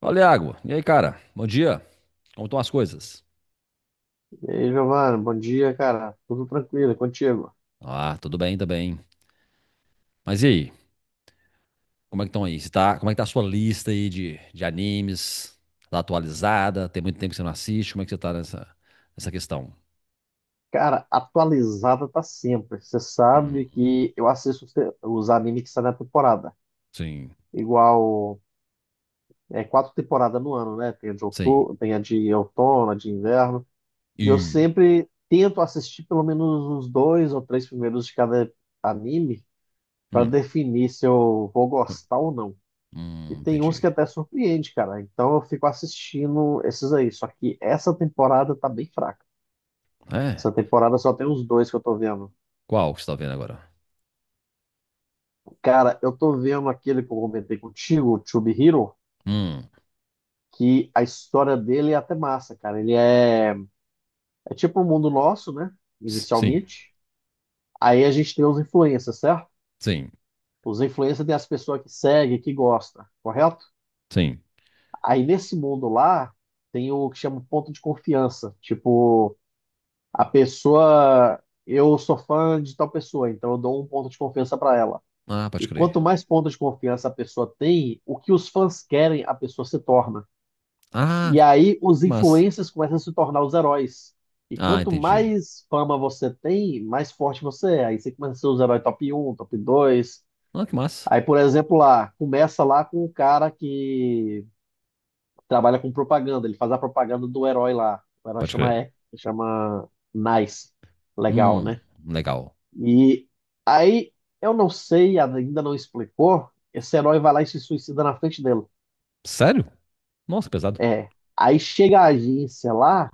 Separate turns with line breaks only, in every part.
Fala, Iago. E aí, cara? Bom dia. Como estão as coisas?
E aí, Giovanni, bom dia, cara. Tudo tranquilo, é contigo?
Ah, tudo bem também. Mas e aí? Como é que estão aí? Como é que tá a sua lista aí de animes? Tá atualizada? Tem muito tempo que você não assiste? Como é que você tá nessa questão?
Cara, atualizada tá sempre. Você sabe
Hum,
que eu assisto os animes que saem na temporada.
sim,
Igual, é quatro temporadas no ano, né? Tem a de
sim.
outono, tem a de outono, a de inverno. E eu
E...
sempre tento assistir pelo menos uns dois ou três primeiros de cada anime para
Hum,
definir se eu vou gostar ou não. E tem uns
entendi.
que até surpreende, cara. Então eu fico assistindo esses aí. Só que essa temporada tá bem fraca.
É?
Essa temporada só tem os dois que eu tô vendo.
Qual que você tá vendo agora?
Cara, eu tô vendo aquele que eu comentei contigo, o Tube,
Hum,
que a história dele é até massa, cara. Ele é, é tipo o mundo nosso, né?
sim,
Inicialmente. Aí a gente tem os influencers, certo?
sim,
Os influencers tem as pessoas que seguem, que gostam, correto?
sim.
Aí nesse mundo lá, tem o que chama ponto de confiança. Tipo, a pessoa. Eu sou fã de tal pessoa, então eu dou um ponto de confiança pra ela.
Ah,
E
pode crer.
quanto mais pontos de confiança a pessoa tem, o que os fãs querem, a pessoa se torna.
Ah,
E aí os
que massa.
influencers começam a se tornar os heróis. E
Ah,
quanto
entendi.
mais fama você tem, mais forte você é. Aí você começa a ser os heróis top um, top 2.
Ah, que massa.
Aí, por exemplo, lá, começa lá com o cara que trabalha com propaganda. Ele faz a propaganda do herói lá. O herói
Pode
chama,
crer.
chama Nice. Legal,
Hum,
né?
legal.
E aí, eu não sei, ainda não explicou. Esse herói vai lá e se suicida na frente dele.
Sério? Nossa, que pesado.
É. Aí chega a agência lá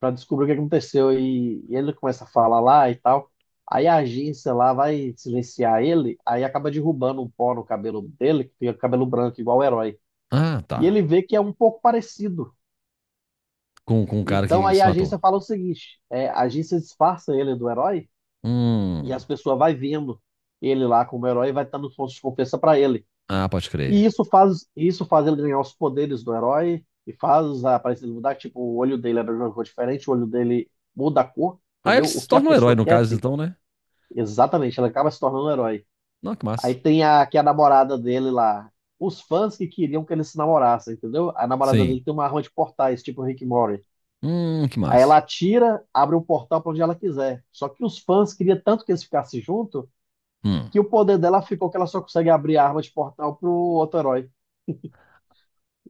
pra descobrir o que aconteceu e ele começa a falar lá e tal. Aí a agência lá vai silenciar ele, aí acaba derrubando um pó no cabelo dele, que fica cabelo branco, igual o herói.
Ah,
E
tá.
ele vê que é um pouco parecido.
Com um cara
Então
que
aí
se
a
matou.
agência fala o seguinte: a agência disfarça ele do herói e
Hum.
as pessoas vai vendo ele lá como herói e vai dando pontos de confiança pra ele.
Ah, pode crer.
E isso faz ele ganhar os poderes do herói e faz a aparência dele mudar. Tipo, o olho dele era de uma cor diferente, o olho dele muda a cor,
Ah, ele
entendeu? O
se
que a
torna um herói
pessoa
no
quer
caso,
tem.
então, né?
Exatamente, ela acaba se tornando um herói.
Não, que
Aí
massa.
tem a, que é a namorada dele lá. Os fãs que queriam que ele se namorasse, entendeu? A namorada dele
Sim.
tem uma arma de portais, tipo o Rick Mori.
Que
Aí ela
massa.
atira, abre um portal pra onde ela quiser. Só que os fãs queriam tanto que eles ficassem junto
Hum.
que o poder dela ficou que ela só consegue abrir a arma de portal pro outro herói.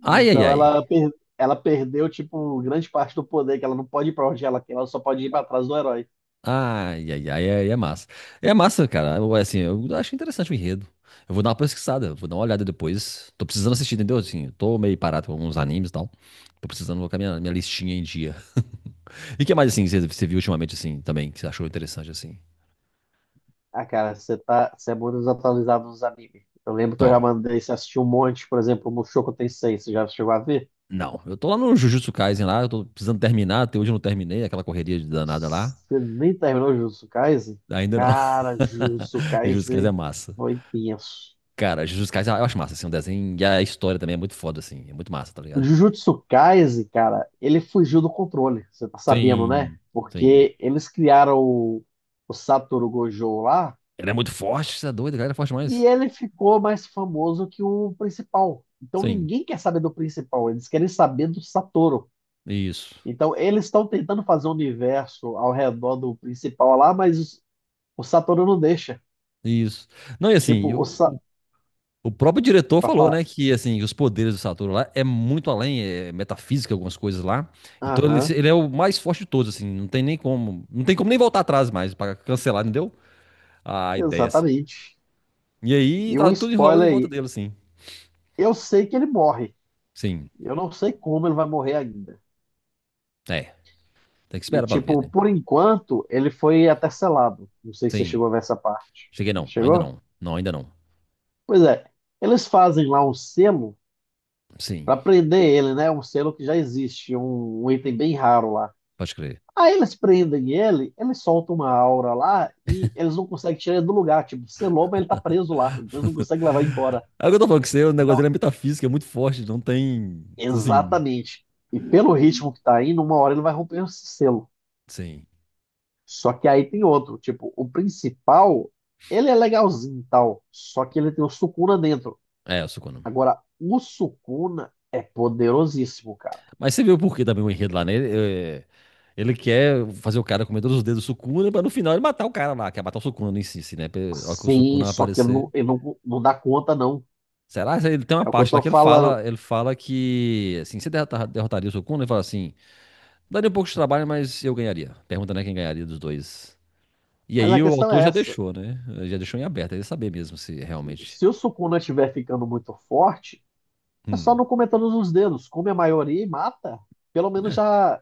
Ai, ai,
Então
ai.
ela, per- ela perdeu, tipo, grande parte do poder, que ela não pode ir pra onde ela quer, ela só pode ir pra trás do herói.
Ai, ai, ai, ai, é massa. É massa, cara. Eu, assim, eu acho interessante o enredo. Eu vou dar uma pesquisada, vou dar uma olhada depois. Tô precisando assistir, entendeu? Assim, eu tô meio parado com alguns animes e tal. Tô precisando colocar minha listinha em dia. E o que mais, assim, você viu ultimamente, assim, também, que você achou interessante, assim?
Ah, cara, você tá, você é muito desatualizado nos animes. Eu lembro que eu já
Tó.
mandei você assistir um monte, por exemplo, o Mushoku Tensei, você já chegou a ver?
Não, eu tô lá no Jujutsu Kaisen lá, eu tô precisando terminar, até hoje eu não terminei, aquela correria de danada lá.
Você nem terminou Jujutsu Kaisen?
Ainda não.
Cara, Jujutsu
Jujutsu Kaisen é
Kaisen
massa.
foi tenso.
Cara, Jujutsu Kaisen eu acho massa, assim, o desenho e a história também é muito foda, assim, é muito massa, tá
O
ligado?
Jujutsu Kaisen, cara, ele fugiu do controle, você tá sabendo, né?
Sim, sim.
Porque eles criaram o Satoru Gojo lá.
Ele é muito forte, você é doido, cara, ele é forte
E
demais.
ele ficou mais famoso que o principal. Então
Sim,
ninguém quer saber do principal, eles querem saber do Satoru.
isso,
Então eles estão tentando fazer um universo ao redor do principal lá, mas o Satoru não deixa.
isso. Não, e assim,
Tipo, o
eu.
Sa...
O próprio diretor
pra
falou,
falar,
né, que assim, os poderes do Satoru lá é muito além, é metafísica, algumas coisas lá. Então ele,
aham,
ele é o mais forte de todos, assim, não tem nem como, não tem como nem voltar atrás mais pra cancelar, entendeu? A ideia assim.
exatamente.
E aí
E
tá
um
tudo enrolando em
spoiler
volta
aí,
dele, assim.
eu sei que ele morre.
Sim.
Eu não sei como ele vai morrer ainda.
É, tem que
E
esperar pra ver,
tipo,
né?
por enquanto, ele foi até selado. Não sei se você
Sim.
chegou a ver essa parte.
Cheguei não, ainda
Chegou?
não. Não, ainda não.
Pois é. Eles fazem lá um selo
Sim,
pra prender ele, né? Um selo que já existe, um item bem raro lá.
pode crer.
Aí eles prendem ele, ele solta uma aura lá e eles não conseguem tirar ele do lugar. Tipo, selou, mas ele tá preso lá. Então eles não conseguem levar embora.
É o que eu tô falando que você, o negócio
Então,
dele é metafísica, é muito forte, não tem assim,
exatamente. E pelo ritmo que tá indo, uma hora ele vai romper esse selo.
sim.
Só que aí tem outro. Tipo, o principal, ele é legalzinho e tal. Só que ele tem o Sukuna dentro.
É, o Sukuna.
Agora, o Sukuna é poderosíssimo, cara.
Mas você viu por que também o enredo lá, né? Ele quer fazer o cara comer todos os dedos do Sukuna pra no final ele matar o cara lá, quer matar o Sukuna em si, né? A hora que o
Sim,
Sukuna
só que
aparecer.
ele não, não dá conta, não.
Será? Ele tem uma
É o que eu
parte lá
tô
que ele
falando.
fala, ele fala que, assim, você derrotaria o Sukuna? Ele fala assim, daria um pouco de trabalho, mas eu ganharia. Pergunta, né, quem ganharia dos dois. E
Mas a
aí o
questão
autor
é
já
essa.
deixou, né? Já deixou em aberto, ele saber mesmo se realmente...
Se o Sukuna estiver ficando muito forte, é só
Hum,
não comer todos os dedos. Come a maioria e mata. Pelo menos já,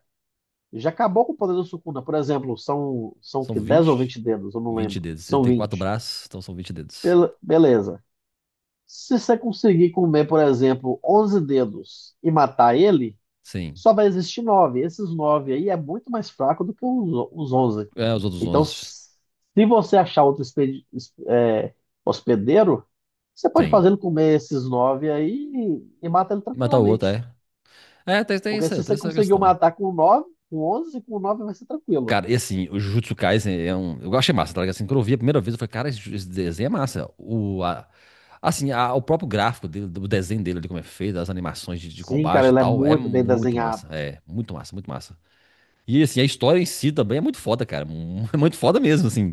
já acabou com o poder do Sukuna. Por exemplo, são
são
que 10 ou
vinte
20 dedos, eu não
vinte
lembro.
dedos. Ele
São
tem quatro
20.
braços, então são 20 dedos.
Beleza. Se você conseguir comer, por exemplo, 11 dedos e matar ele,
Sim.
só vai existir nove. Esses nove aí é muito mais fraco do que os 11.
É, os outros
Então,
11
se você achar outro hospedeiro, você pode
tem.
fazê-lo comer esses nove aí e mata ele
E matar o outro, é.
tranquilamente.
É, tem, tem
Porque
essa,
se
tem
você
essa
conseguiu
questão.
matar com nove, com 11, com nove vai ser tranquilo.
Cara, e assim, o Jujutsu Kaisen é um. Eu achei massa, tá ligado? Assim, quando eu vi a primeira vez, eu falei, cara, esse desenho é massa. Assim, o próprio gráfico dele, do desenho dele ali, como é feito, as animações de
Sim,
combate
cara,
e
ele é
tal, é
muito bem
muito massa.
desenhado.
É, muito massa, muito massa. E assim, a história em si também é muito foda, cara. É muito foda mesmo, assim.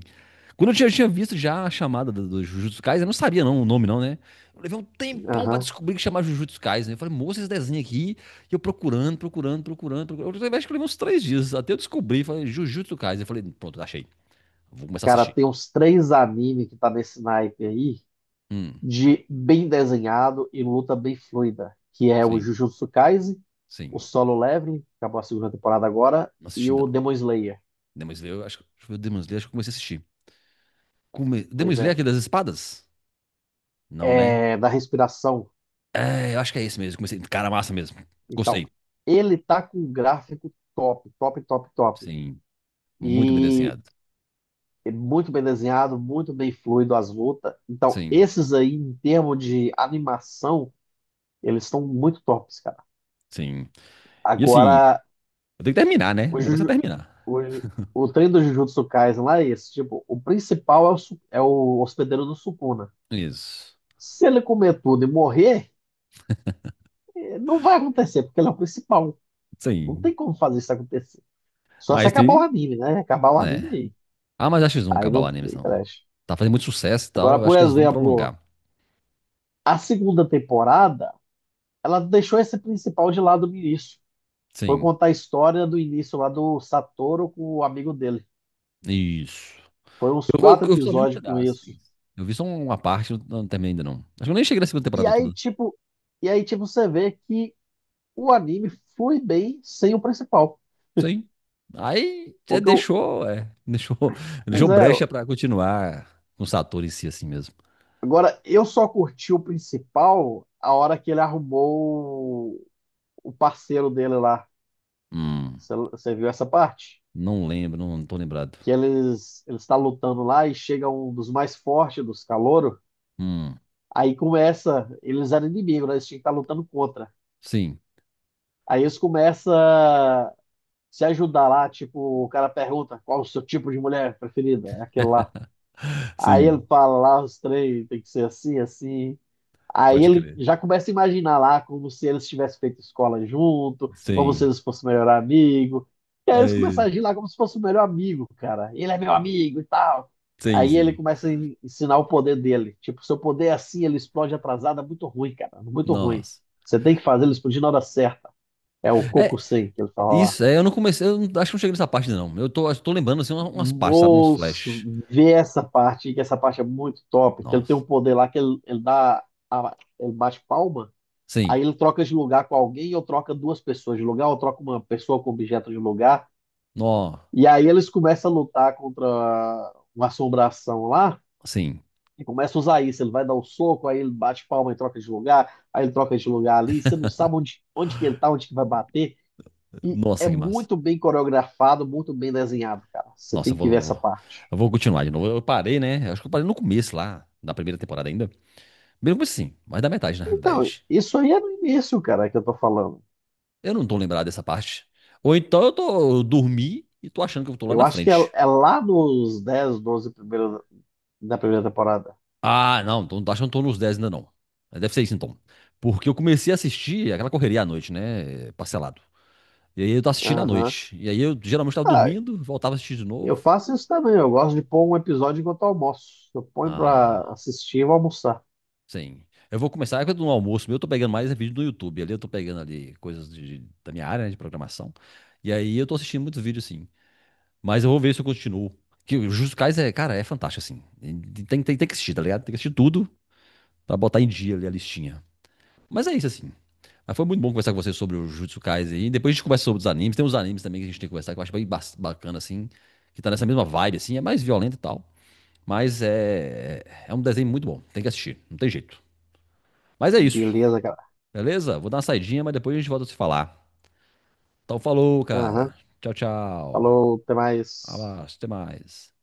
Quando eu tinha visto já a chamada do Jujutsu Kaisen, eu não sabia não o nome não, né? Eu levei um tempão pra
Aham.
descobrir que chamava Jujutsu Kaisen, né? Eu falei, moça, esse desenho aqui. E eu procurando, procurando, procurando, procurando. Eu acho que eu levei uns 3 dias até eu descobrir. Falei, Jujutsu Kaisen. Eu falei, pronto, achei. Vou começar a
Cara,
assistir.
tem uns três animes que tá nesse naipe aí,
Hum,
de bem desenhado e luta bem fluida, que é o
sim,
Jujutsu Kaisen, o
sim.
Solo Leveling, que acabou a segunda temporada agora,
Não
e
assisti ainda
o
não.
Demon Slayer.
Demon Slayer, eu acho que... Deixa eu ver o Demon Slayer, acho que eu comecei a assistir. Demon
Pois
Slayer,
é,
aquele das espadas? Não, né?
é da respiração.
É, eu acho que é esse mesmo. Cara, massa mesmo.
Então,
Gostei.
ele tá com um gráfico top, top, top, top.
Sim, muito bem
E
desenhado.
é muito bem desenhado, muito bem fluido as lutas. Então,
Sim,
esses aí, em termos de animação, eles estão muito tops, cara.
sim. E assim,
Agora,
eu tenho que terminar, né?
o
O negócio é
Jujutsu,
terminar.
O, o treino do Jujutsu Kaisen lá é esse. Tipo, o principal é o, su- é o hospedeiro do Sukuna.
Isso.
Se ele comer tudo e morrer, não vai acontecer, porque ele é o principal. Não
Sim.
tem como fazer isso acontecer. Só se
Mas
acabar o
tem.
anime, né? Acabar o anime
É.
aí.
Ah, mas acho que eles vão
Aí
acabar
não
o anime,
tem
não.
creche.
Tá fazendo muito sucesso e
Agora,
tal. Eu
por
acho que eles vão
exemplo,
prolongar.
a segunda temporada, ela deixou esse principal de lado no início. Foi
Sim.
contar a história do início lá do Satoru com o amigo dele.
Isso.
Foram uns
Eu, eu,
quatro
eu só vi um
episódios com
pedaço.
isso.
Isso. Eu vi só uma parte, eu não terminei ainda não. Acho que eu nem cheguei na segunda
E
temporada
aí,
toda.
tipo, e aí, tipo, você vê que o anime flui bem sem o principal.
Sim. Aí é,
Porque eu,
deixou, é, deixou, deixou
pois é,
brecha pra continuar com o Satoru em si assim mesmo.
agora eu só curti o principal a hora que ele arrumou o parceiro dele lá.
Hum,
Você viu essa parte?
não lembro, não, não tô lembrado.
Que ele está lutando lá e chega um dos mais fortes dos caloros.
Hum,
Aí começa, eles eram inimigos, né? Eles tinham que estar lutando contra.
sim.
Aí eles começam a se ajudar lá, tipo, o cara pergunta qual o seu tipo de mulher preferida, é aquele lá. Aí ele
Sim,
fala lá: "Ah, os três, tem que ser assim, assim." Aí
pode
ele
crer.
já começa a imaginar lá como se eles tivessem feito escola junto, como se
Sim.
eles fossem o melhor amigo. E aí eles começam
É,
a agir lá como se fosse o melhor amigo, cara. Ele é meu amigo e tal.
sim,
Aí ele
sim.
começa a ensinar o poder dele. Tipo, seu poder é assim, ele explode atrasado, é muito ruim, cara. Muito ruim.
Nossa.
Você tem que fazer ele explodir na hora certa. É o
É,
Kokusei que ele fala lá.
isso, é, eu não comecei, eu não- acho que não cheguei nessa parte, não. Eu tô lembrando, assim, umas partes, sabe? Uns
Moço,
flash.
vê essa parte, que essa parte é muito top. Que ele tem
Nossa.
um poder lá que ele dá. Ele bate palma,
Sim.
aí ele troca de lugar com alguém, ou troca duas pessoas de lugar, ou troca uma pessoa com objeto de lugar,
Nó.
e aí eles começam a lutar contra uma assombração lá,
Sim.
e começa a usar isso, ele vai dar um soco, aí ele bate palma e troca de lugar, aí ele troca de lugar ali, você não sabe onde, que ele tá, onde que vai bater, e é
Nossa, que massa.
muito bem coreografado, muito bem desenhado, cara. Você
Nossa, eu
tem que
vou,
ver
eu
essa
vou,
parte.
eu vou continuar de novo. Eu parei, né? Eu acho que eu parei no começo lá, da primeira temporada ainda. Bem no começo, sim, mas da metade, na
Então,
realidade.
isso aí é no início, cara, que eu tô falando.
Eu não tô lembrado dessa parte. Ou então eu tô, eu dormi e tô achando que eu tô lá
Eu
na
acho que é,
frente.
é lá nos 10, 12 primeiros, da primeira temporada.
Ah, não, então acho que eu não tô nos 10 ainda não. Mas deve ser isso então. Porque eu comecei a assistir aquela correria à noite, né? Parcelado. E aí eu tava assistindo à
Aham.
noite. E aí eu geralmente tava
Ah,
dormindo, voltava a assistir de
eu
novo.
faço isso também, eu gosto de pôr um episódio enquanto eu almoço. Eu ponho pra
Ah,
assistir e vou almoçar.
sim. Eu vou começar, quando no almoço meu, eu tô pegando mais é vídeo do YouTube. Ali eu tô pegando ali coisas da minha área, né, de programação. E aí eu tô assistindo muitos vídeos, sim. Mas eu vou ver se eu continuo. Que o Jujutsu Kaisen é, cara, é fantástico, assim. E tem que assistir, tá ligado? Tem que assistir tudo pra botar em dia ali a listinha. Mas é isso, assim. Mas foi muito bom conversar com você sobre o Jujutsu Kaisen aí. Depois a gente conversa sobre os animes. Tem uns animes também que a gente tem que conversar, que eu acho bem bacana, assim. Que tá nessa mesma vibe, assim. É mais violento e tal. Mas é um desenho muito bom. Tem que assistir. Não tem jeito. Mas é isso.
Beleza, cara.
Beleza? Vou dar uma saidinha, mas depois a gente volta a se falar. Então falou,
Aham.
cara. Tchau, tchau.
Falou, até mais.
Abraço. Até mais.